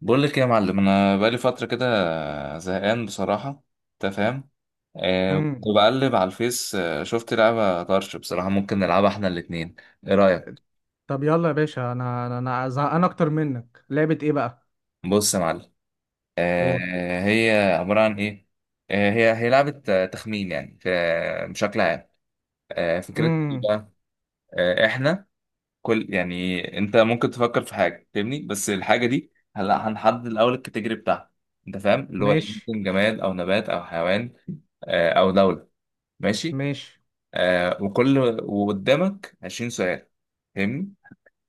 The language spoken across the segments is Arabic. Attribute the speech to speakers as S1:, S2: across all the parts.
S1: بقول لك إيه يا معلم، انا بقالي فتره كده زهقان بصراحه. انت فاهم؟
S2: امم
S1: كنت بقلب على الفيس، شفت لعبه طرش بصراحه. ممكن نلعبها احنا الاتنين. ايه رايك؟
S2: طب يلا يا باشا، انا زهقان اكتر منك. لعبة ايه بقى؟
S1: بص يا معلم.
S2: قول.
S1: هي عباره عن ايه؟ هي لعبه تخمين، يعني في بشكل عام. فكرتها ايه
S2: امم
S1: بقى؟ احنا كل، يعني انت ممكن تفكر في حاجه فاهمني، بس الحاجه دي هلا هنحدد الاول الكاتيجوري بتاعها. انت فاهم اللي هو إيه،
S2: ماشي،
S1: ممكن جماد او نبات او حيوان. او دوله، ماشي.
S2: ماشي،
S1: وكل، وقدامك 20 سؤال، فاهمني؟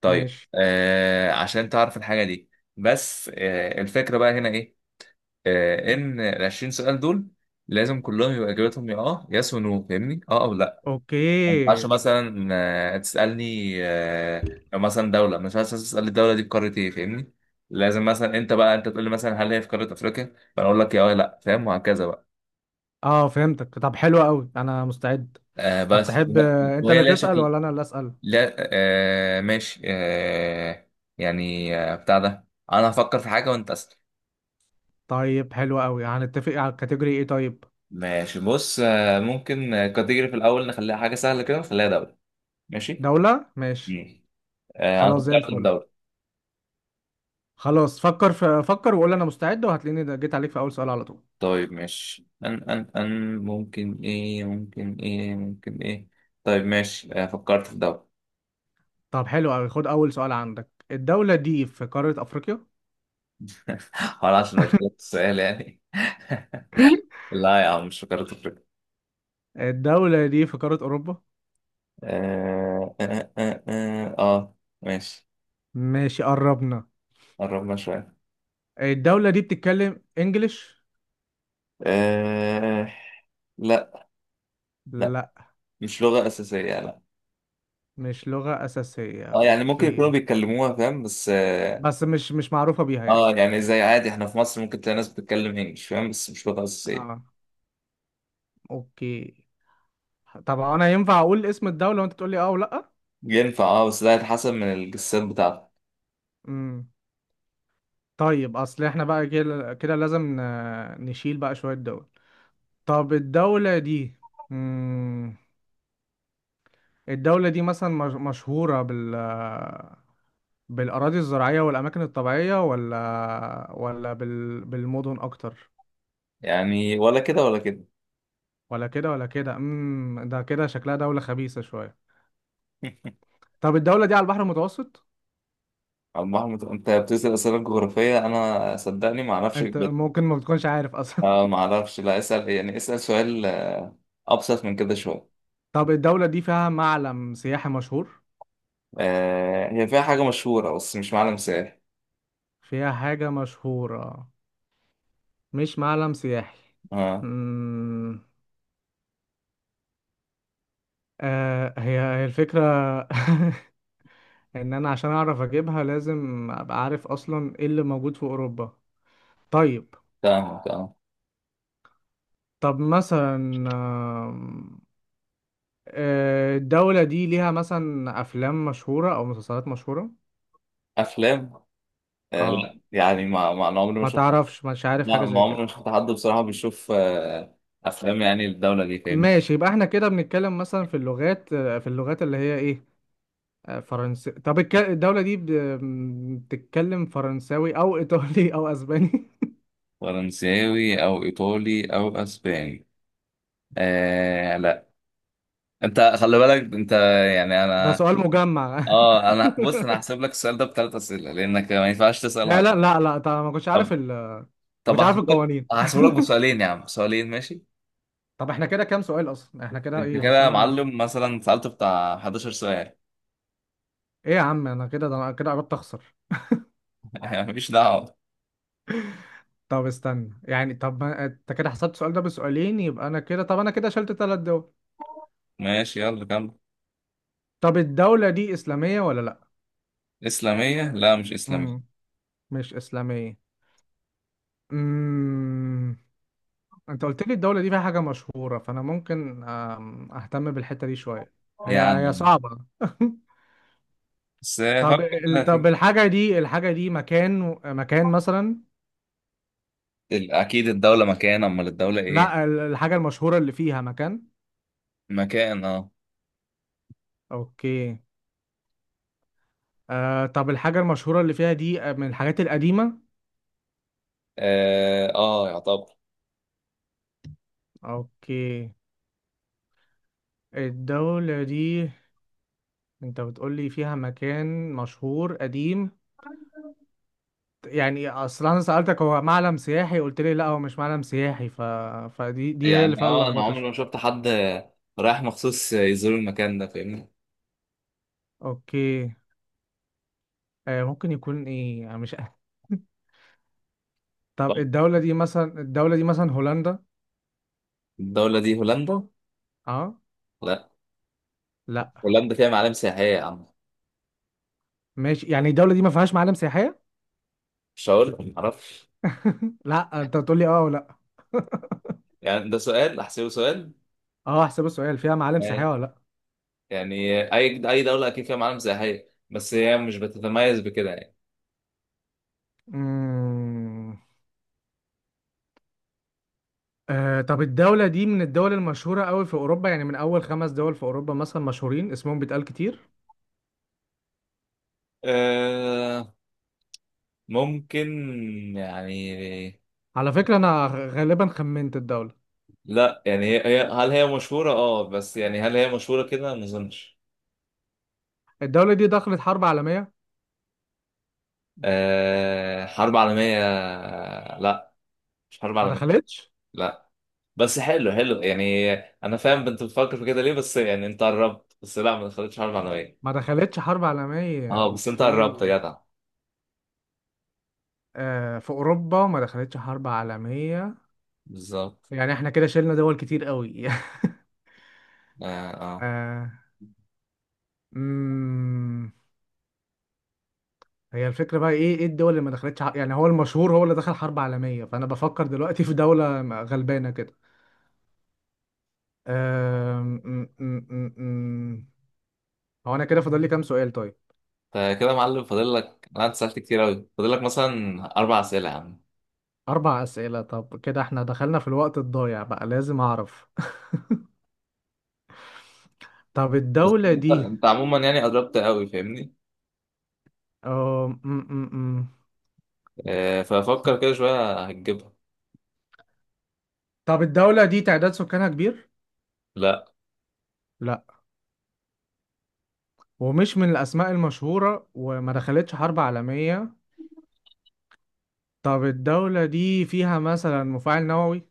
S1: طيب،
S2: ماشي،
S1: عشان تعرف الحاجة دي. بس الفكرة بقى هنا ايه؟ ان ال 20 سؤال دول لازم كلهم يبقى اجابتهم يا يس ونو، فاهمني؟ اه او لا. ما ينفعش
S2: اوكي.
S1: مثلا تسألني، لو مثلا دولة، ما ينفعش مثلاً تسألني الدولة دي في قارة ايه، فاهمني؟ لازم مثلا انت بقى انت تقول لي مثلا هل هي في قارة افريقيا، فانا اقول لك يا لا، فاهم؟ وهكذا بقى.
S2: اه، فهمتك. طب حلو قوي، انا مستعد.
S1: آه
S2: طب
S1: بس
S2: تحب،
S1: وهي
S2: انت
S1: وهي
S2: اللي
S1: ليها
S2: تسأل
S1: شكل؟
S2: ولا انا اللي أسأل؟
S1: لا، ماشي. يعني بتاع ده. انا هفكر في حاجه وانت اسال.
S2: طيب حلو قوي، هنتفق على الكاتيجوري ايه؟ طيب
S1: ماشي، بص ممكن كاتيجوري في الأول نخليها حاجة سهلة كده، نخليها دولة، ماشي.
S2: دولة، ماشي.
S1: مم. أنا
S2: خلاص زي
S1: فكرت في
S2: الفل.
S1: دولة.
S2: خلاص فكر في فكر وقول انا مستعد، وهتلاقيني جيت عليك في اول سؤال على طول.
S1: طيب ماشي، ان ان ان ممكن ايه، ممكن ايه، ممكن ايه. طيب ماشي، فكرت في ده.
S2: طب حلو قوي، خد اول سؤال عندك. الدولة دي في قارة افريقيا؟
S1: ولا عشان قلت لك السؤال يعني؟ لا يا عم، مش فكرت في كده.
S2: الدولة دي في قارة اوروبا.
S1: آه, آه, آه, آه, اه ماشي،
S2: ماشي، قربنا.
S1: قربنا شويه.
S2: الدولة دي بتتكلم انجليش؟
S1: آه لا. لا،
S2: لا،
S1: مش لغة أساسية، لا.
S2: مش لغة أساسية،
S1: اه يعني ممكن يكونوا
S2: اوكي.
S1: بيتكلموها فاهم، بس
S2: بس مش معروفة بيها يعني.
S1: يعني زي عادي احنا في مصر ممكن تلاقي ناس بتتكلم انجلش فاهم، بس مش لغة
S2: اه،
S1: أساسية.
S2: اوكي. طب انا ينفع اقول اسم الدولة وانت تقول لي اه ولا لا؟
S1: ينفع اه، بس ده هيتحسب من الجسات بتاعتك.
S2: امم طيب، اصل احنا بقى كده كده لازم نشيل بقى شوية دول. طب الدولة دي، امم الدولة دي مثلا مشهورة بالأراضي الزراعية والأماكن الطبيعية ولا بالمدن أكتر؟
S1: يعني ولا كده ولا كده.
S2: ولا كده ولا كده. ده كده شكلها دولة خبيثة شوية. طب الدولة دي على البحر المتوسط؟
S1: عم احمد، انت بتسأل أسئلة جغرافية، انا صدقني ما اعرفش
S2: انت
S1: البيت.
S2: ممكن ما بتكونش عارف اصلا.
S1: اه ما اعرفش، لا اسأل يعني، اسأل سؤال ابسط من كده شوية.
S2: طب الدولة دي فيها معلم سياحي مشهور؟
S1: هي فيها حاجة مشهورة، بس مش معلم سائل.
S2: فيها حاجة مشهورة مش معلم سياحي؟
S1: اه،
S2: امم هي الفكرة. انا عشان اعرف اجيبها لازم ابقى عارف اصلا ايه اللي موجود في اوروبا. طيب.
S1: تمام تمام.
S2: مثلا، آم، الدولة دي ليها مثلا أفلام مشهورة أو مسلسلات مشهورة؟
S1: افلام؟
S2: اه،
S1: لا يعني، ما انا عمري ما
S2: ما
S1: شفت.
S2: تعرفش مش عارف
S1: ما
S2: حاجة
S1: ما
S2: زي
S1: عمري
S2: كده.
S1: ما شفت حد بصراحه بيشوف افلام، يعني الدوله دي فاهم.
S2: ماشي، يبقى احنا كده بنتكلم مثلا في اللغات اللي هي ايه، فرنسي؟ طب الدولة دي بتتكلم فرنساوي او ايطالي او اسباني؟
S1: فرنساوي او ايطالي او اسباني؟ لا. انت خلي بالك انت، يعني
S2: ده
S1: انا...
S2: سؤال مجمع.
S1: اه انا بص، انا هحسب لك السؤال ده بثلاث اسئله، لانك ما ينفعش تسال على...
S2: فعلا. لا، لا، طب
S1: طب
S2: ما
S1: طب
S2: كنتش عارف
S1: هحسب لك،
S2: القوانين.
S1: بسؤالين يا عم، بسؤالين، ماشي.
S2: طب احنا كده كام سؤال؟ اصلا احنا كده
S1: انت
S2: ايه،
S1: كده يا
S2: وصلنا
S1: معلم مثلا سالت بتاع 11 سؤال.
S2: ايه يا عم، انا كده قربت اخسر.
S1: مفيش دعوه.
S2: طب استنى يعني، طب ما انت كده حسبت السؤال ده بسؤالين، يبقى انا كده شلت ثلاث دول.
S1: ماشي، يلا كمل.
S2: طب الدولة دي إسلامية ولا لأ؟
S1: اسلاميه؟ لا، مش اسلاميه.
S2: مم. مش إسلامية. مم. أنت قلت لي الدولة دي فيها حاجة مشهورة، فأنا ممكن، أهتم بالحتة دي شوية. هي هي
S1: يعني،
S2: صعبة.
S1: بس
S2: طب
S1: فكر كده في
S2: الحاجة دي مكان. مكان مثلا؟
S1: اكيد الدولة مكان، امال الدولة ايه؟
S2: لأ، الحاجة المشهورة اللي فيها مكان.
S1: مكان، اه.
S2: أوكي. طب الحاجة المشهورة اللي فيها دي، من الحاجات القديمة؟
S1: اه، يعتبر.
S2: أوكي. الدولة دي أنت بتقولي فيها مكان مشهور قديم. يعني اصل انا سألتك هو معلم سياحي قلت لي لا، هو مش معلم سياحي فدي هي اللي
S1: يعني،
S2: فيها
S1: انا
S2: اللخبطة
S1: عمري ما
S2: شوية.
S1: شفت حد رايح مخصوص يزور المكان ده، فاهمني.
S2: اوكي. ممكن يكون ايه، انا مش.
S1: طب
S2: طب الدولة دي مثلا هولندا؟
S1: الدولة دي هولندا؟
S2: اه،
S1: لا.
S2: لا؟
S1: هولندا فيها معالم سياحية يا عم.
S2: ماشي، يعني الدولة دي ما فيهاش معالم سياحية؟
S1: مش هقول معرفش.
S2: لا، انت بتقول لي اه ولا لا.
S1: يعني ده سؤال، احسبه سؤال.
S2: اه، احسب السؤال. فيها معالم سياحية
S1: آه،
S2: ولا لا؟
S1: يعني اي دولة اكيد فيها معالم سياحية، بس هي مش بتتميز بكده يعني.
S2: امم طب الدولة دي من الدول المشهورة قوي في اوروبا؟ يعني من اول خمس دول في اوروبا مثلا مشهورين اسمهم بيتقال كتير.
S1: أه، ممكن يعني.
S2: على فكرة انا غالبا خمنت الدولة.
S1: لا يعني، هل هي مشهورة بس، يعني هل هي مشهورة كده؟ ما اظنش.
S2: الدولة دي دخلت حرب عالمية؟
S1: حرب عالمية؟ لا. مش حرب
S2: ما
S1: عالمية.
S2: دخلتش
S1: لا، بس حلو حلو يعني. انا فاهم انت بتفكر في كده ليه، بس يعني انت قربت، بس لا، ما دخلتش حرب عالمية.
S2: ما دخلتش حرب عالمية،
S1: اه، بس انت قربت
S2: اوكي.
S1: يا جدع.
S2: في اوروبا ما دخلتش حرب عالمية.
S1: بالظبط.
S2: يعني احنا كده شلنا دول كتير قوي.
S1: اه، اه.
S2: آه مم. هي الفكرة بقى ايه، الدول اللي ما دخلتش يعني هو المشهور هو اللي دخل حرب عالمية، فانا بفكر دلوقتي في دولة غلبانة كده. آه مم، مم، مم، مم. هو انا كده فاضل لي كام سؤال طيب؟
S1: فكده يا معلم فاضل لك، لا انت سألت كتير قوي، فاضل لك مثلا اربع اسئلة يا عم.
S2: اربع اسئلة. طب كده احنا دخلنا في الوقت الضايع بقى، لازم اعرف. طب
S1: بس
S2: الدولة
S1: انت
S2: دي،
S1: انت عموما يعني قربت قوي، فاهمني.
S2: اه م- م- م.
S1: ففكر كده شوية هتجيبها.
S2: طب الدولة دي تعداد سكانها كبير؟
S1: لا.
S2: لا. ومش من الأسماء المشهورة وما دخلتش حرب عالمية. طب الدولة دي فيها مثلا مفاعل نووي؟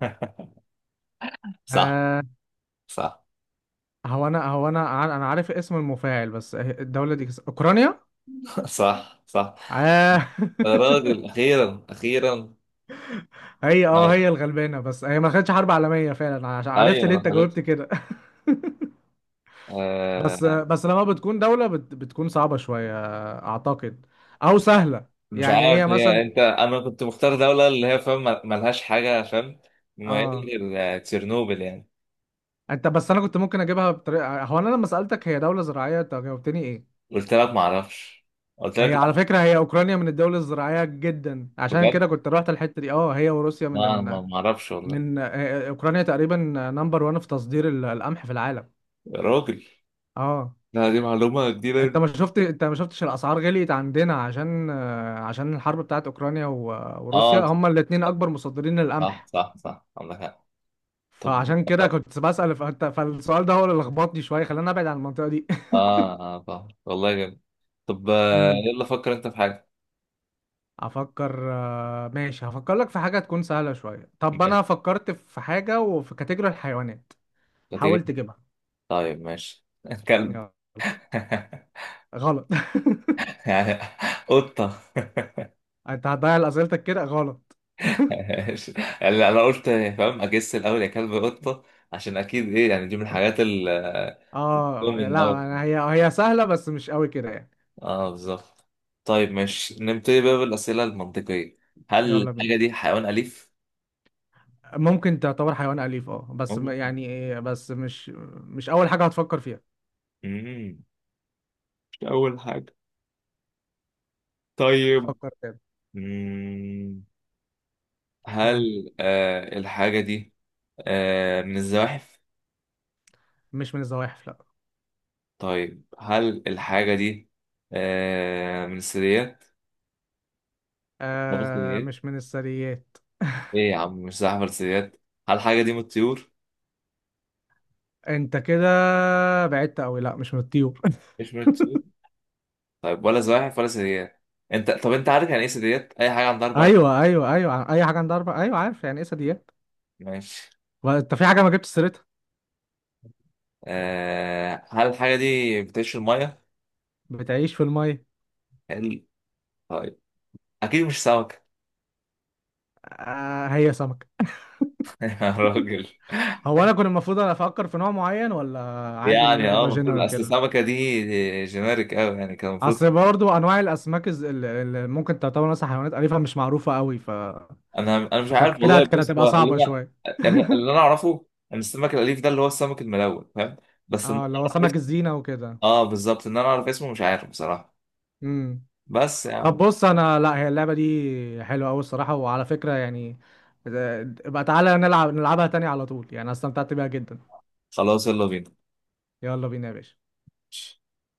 S1: صح،
S2: آه
S1: صح،
S2: أنا عارف اسم المفاعل، بس الدولة دي أوكرانيا؟
S1: صح، صح.
S2: آه
S1: انا بقول اخيرا اخيرا. أي-
S2: هي الغلبانة، بس هي ما دخلتش حرب عالمية فعلا.
S1: ايوه،
S2: عرفت اللي
S1: ما
S2: أنت
S1: دخلتش.
S2: جاوبت كده. بس
S1: آه
S2: بس لما بتكون دولة بتكون صعبة شوية، أعتقد. أو سهلة.
S1: مش
S2: يعني هي
S1: عارف،
S2: مثلا،
S1: انت انا كنت مختار دوله اللي هي فاهم ملهاش حاجه فاهم، مميزه
S2: اه
S1: غير تشيرنوبل يعني.
S2: انت بس انا كنت ممكن اجيبها بطريقه. هو انا لما سالتك هي دوله زراعيه انت جاوبتني ايه؟
S1: قلت لك ما اعرفش، قلت لك
S2: هي على
S1: لا.
S2: فكره، هي اوكرانيا من الدول الزراعيه جدا، عشان
S1: بجد؟
S2: كده كنت رحت الحته دي. اه، هي وروسيا من
S1: لا انا، ما ما اعرفش والله.
S2: من اوكرانيا تقريبا نمبر 1 في تصدير القمح في العالم.
S1: يا راجل!
S2: اه،
S1: لا، دي معلومه جديده.
S2: انت ما شفتش الاسعار غليت عندنا عشان الحرب بتاعت اوكرانيا وروسيا
S1: اه،
S2: هما الاثنين اكبر مصدرين
S1: صح
S2: للقمح.
S1: صح صح، عندك حق. طب،
S2: فعشان كده كنت بسأل. فالسؤال ده هو اللي لخبطني شويه، خلاني ابعد عن المنطقه دي.
S1: اه اه، طبعا والله جامد. طب، يلا فكر انت في حاجه.
S2: افكر، ماشي، هفكر لك في حاجه تكون سهله شويه. طب
S1: ماشي.
S2: انا فكرت في حاجه، وفي كاتيجوري الحيوانات.
S1: ما تيجي.
S2: حاول تجيبها.
S1: طيب ماشي. كلب؟
S2: يلا. غلط.
S1: يعني، قطة؟
S2: انت هتضيع اسئلتك كده غلط.
S1: ماشي. يعني أنا قلت، فاهم أجس الأول، يا كلب، قطة، عشان أكيد إيه، يعني دي من الحاجات ال...
S2: اه،
S1: من
S2: لا
S1: أول.
S2: أنا هي سهله بس مش قوي كده يعني.
S1: بالظبط. طيب ماشي، نبتدي بقى بالأسئلة المنطقية. هل
S2: يلا بينا.
S1: الحاجة دي حيوان أليف؟
S2: ممكن تعتبر حيوان اليف، اه، بس
S1: ممكن.
S2: يعني إيه، بس مش اول حاجه هتفكر فيها.
S1: مم. مش أول حاجة. طيب.
S2: فكر تاني.
S1: مم.
S2: ها،
S1: هل الحاجة دي من الزواحف؟
S2: مش من الزواحف، لا.
S1: طيب هل الحاجة دي من الثدييات؟ ما بالثدييات؟
S2: مش من الثدييات.
S1: ايه يا عم، مش زحف ولا ثدييات؟ هل الحاجة دي من الطيور؟
S2: انت كده بعدت قوي، لا مش من الطيور.
S1: مش من الطيور؟ طيب، ولا زواحف ولا ثدييات؟ انت طب، انت عارف يعني ايه ثدييات؟ أي حاجة عندها أربع رجلين.
S2: ايوه، ايوه، ايوه، اي حاجه عندها اربع. ايوه، عارف يعني ايه ثدييات.
S1: ماشي.
S2: وانت في حاجه ما جبتش سيرتها.
S1: هل الحاجة دي بتعيش في المية؟
S2: بتعيش في الميه.
S1: هل... طيب، أكيد مش سمكة.
S2: آه، هي سمكه.
S1: يا راجل!
S2: هو انا كنت المفروض انا افكر في نوع معين، ولا عادي ان انا
S1: يعني اه،
S2: اجيبها
S1: المفروض
S2: جنرال
S1: أصل
S2: كده؟
S1: السمكة دي جينيريك أوي، يعني كان المفروض.
S2: اصل برضو انواع الاسماك، اللي ممكن تعتبر مثلا حيوانات اليفه مش معروفه قوي،
S1: انا مش عارف
S2: فكانت كده
S1: والله،
S2: كانت
S1: بص
S2: هتبقى
S1: هو اللي
S2: صعبه
S1: انا...
S2: شويه.
S1: يعني اللي انا اعرفه ان السمك الاليف ده اللي هو السمك الملون، فاهم. بس
S2: اه،
S1: انا
S2: اللي هو
S1: اعرف
S2: سمك
S1: اسمه.
S2: الزينه وكده.
S1: اه بالظبط، انا اعرف اسمه، مش عارف بصراحه.
S2: امم
S1: بس يا
S2: طب
S1: عم.
S2: بص، انا لا هي اللعبه دي حلوه قوي الصراحه، وعلى فكره يعني، بقى تعالى نلعبها تاني على طول، يعني أنا استمتعت بيها جدا.
S1: خلاص، يلا بينا.
S2: يلا بينا يا باشا.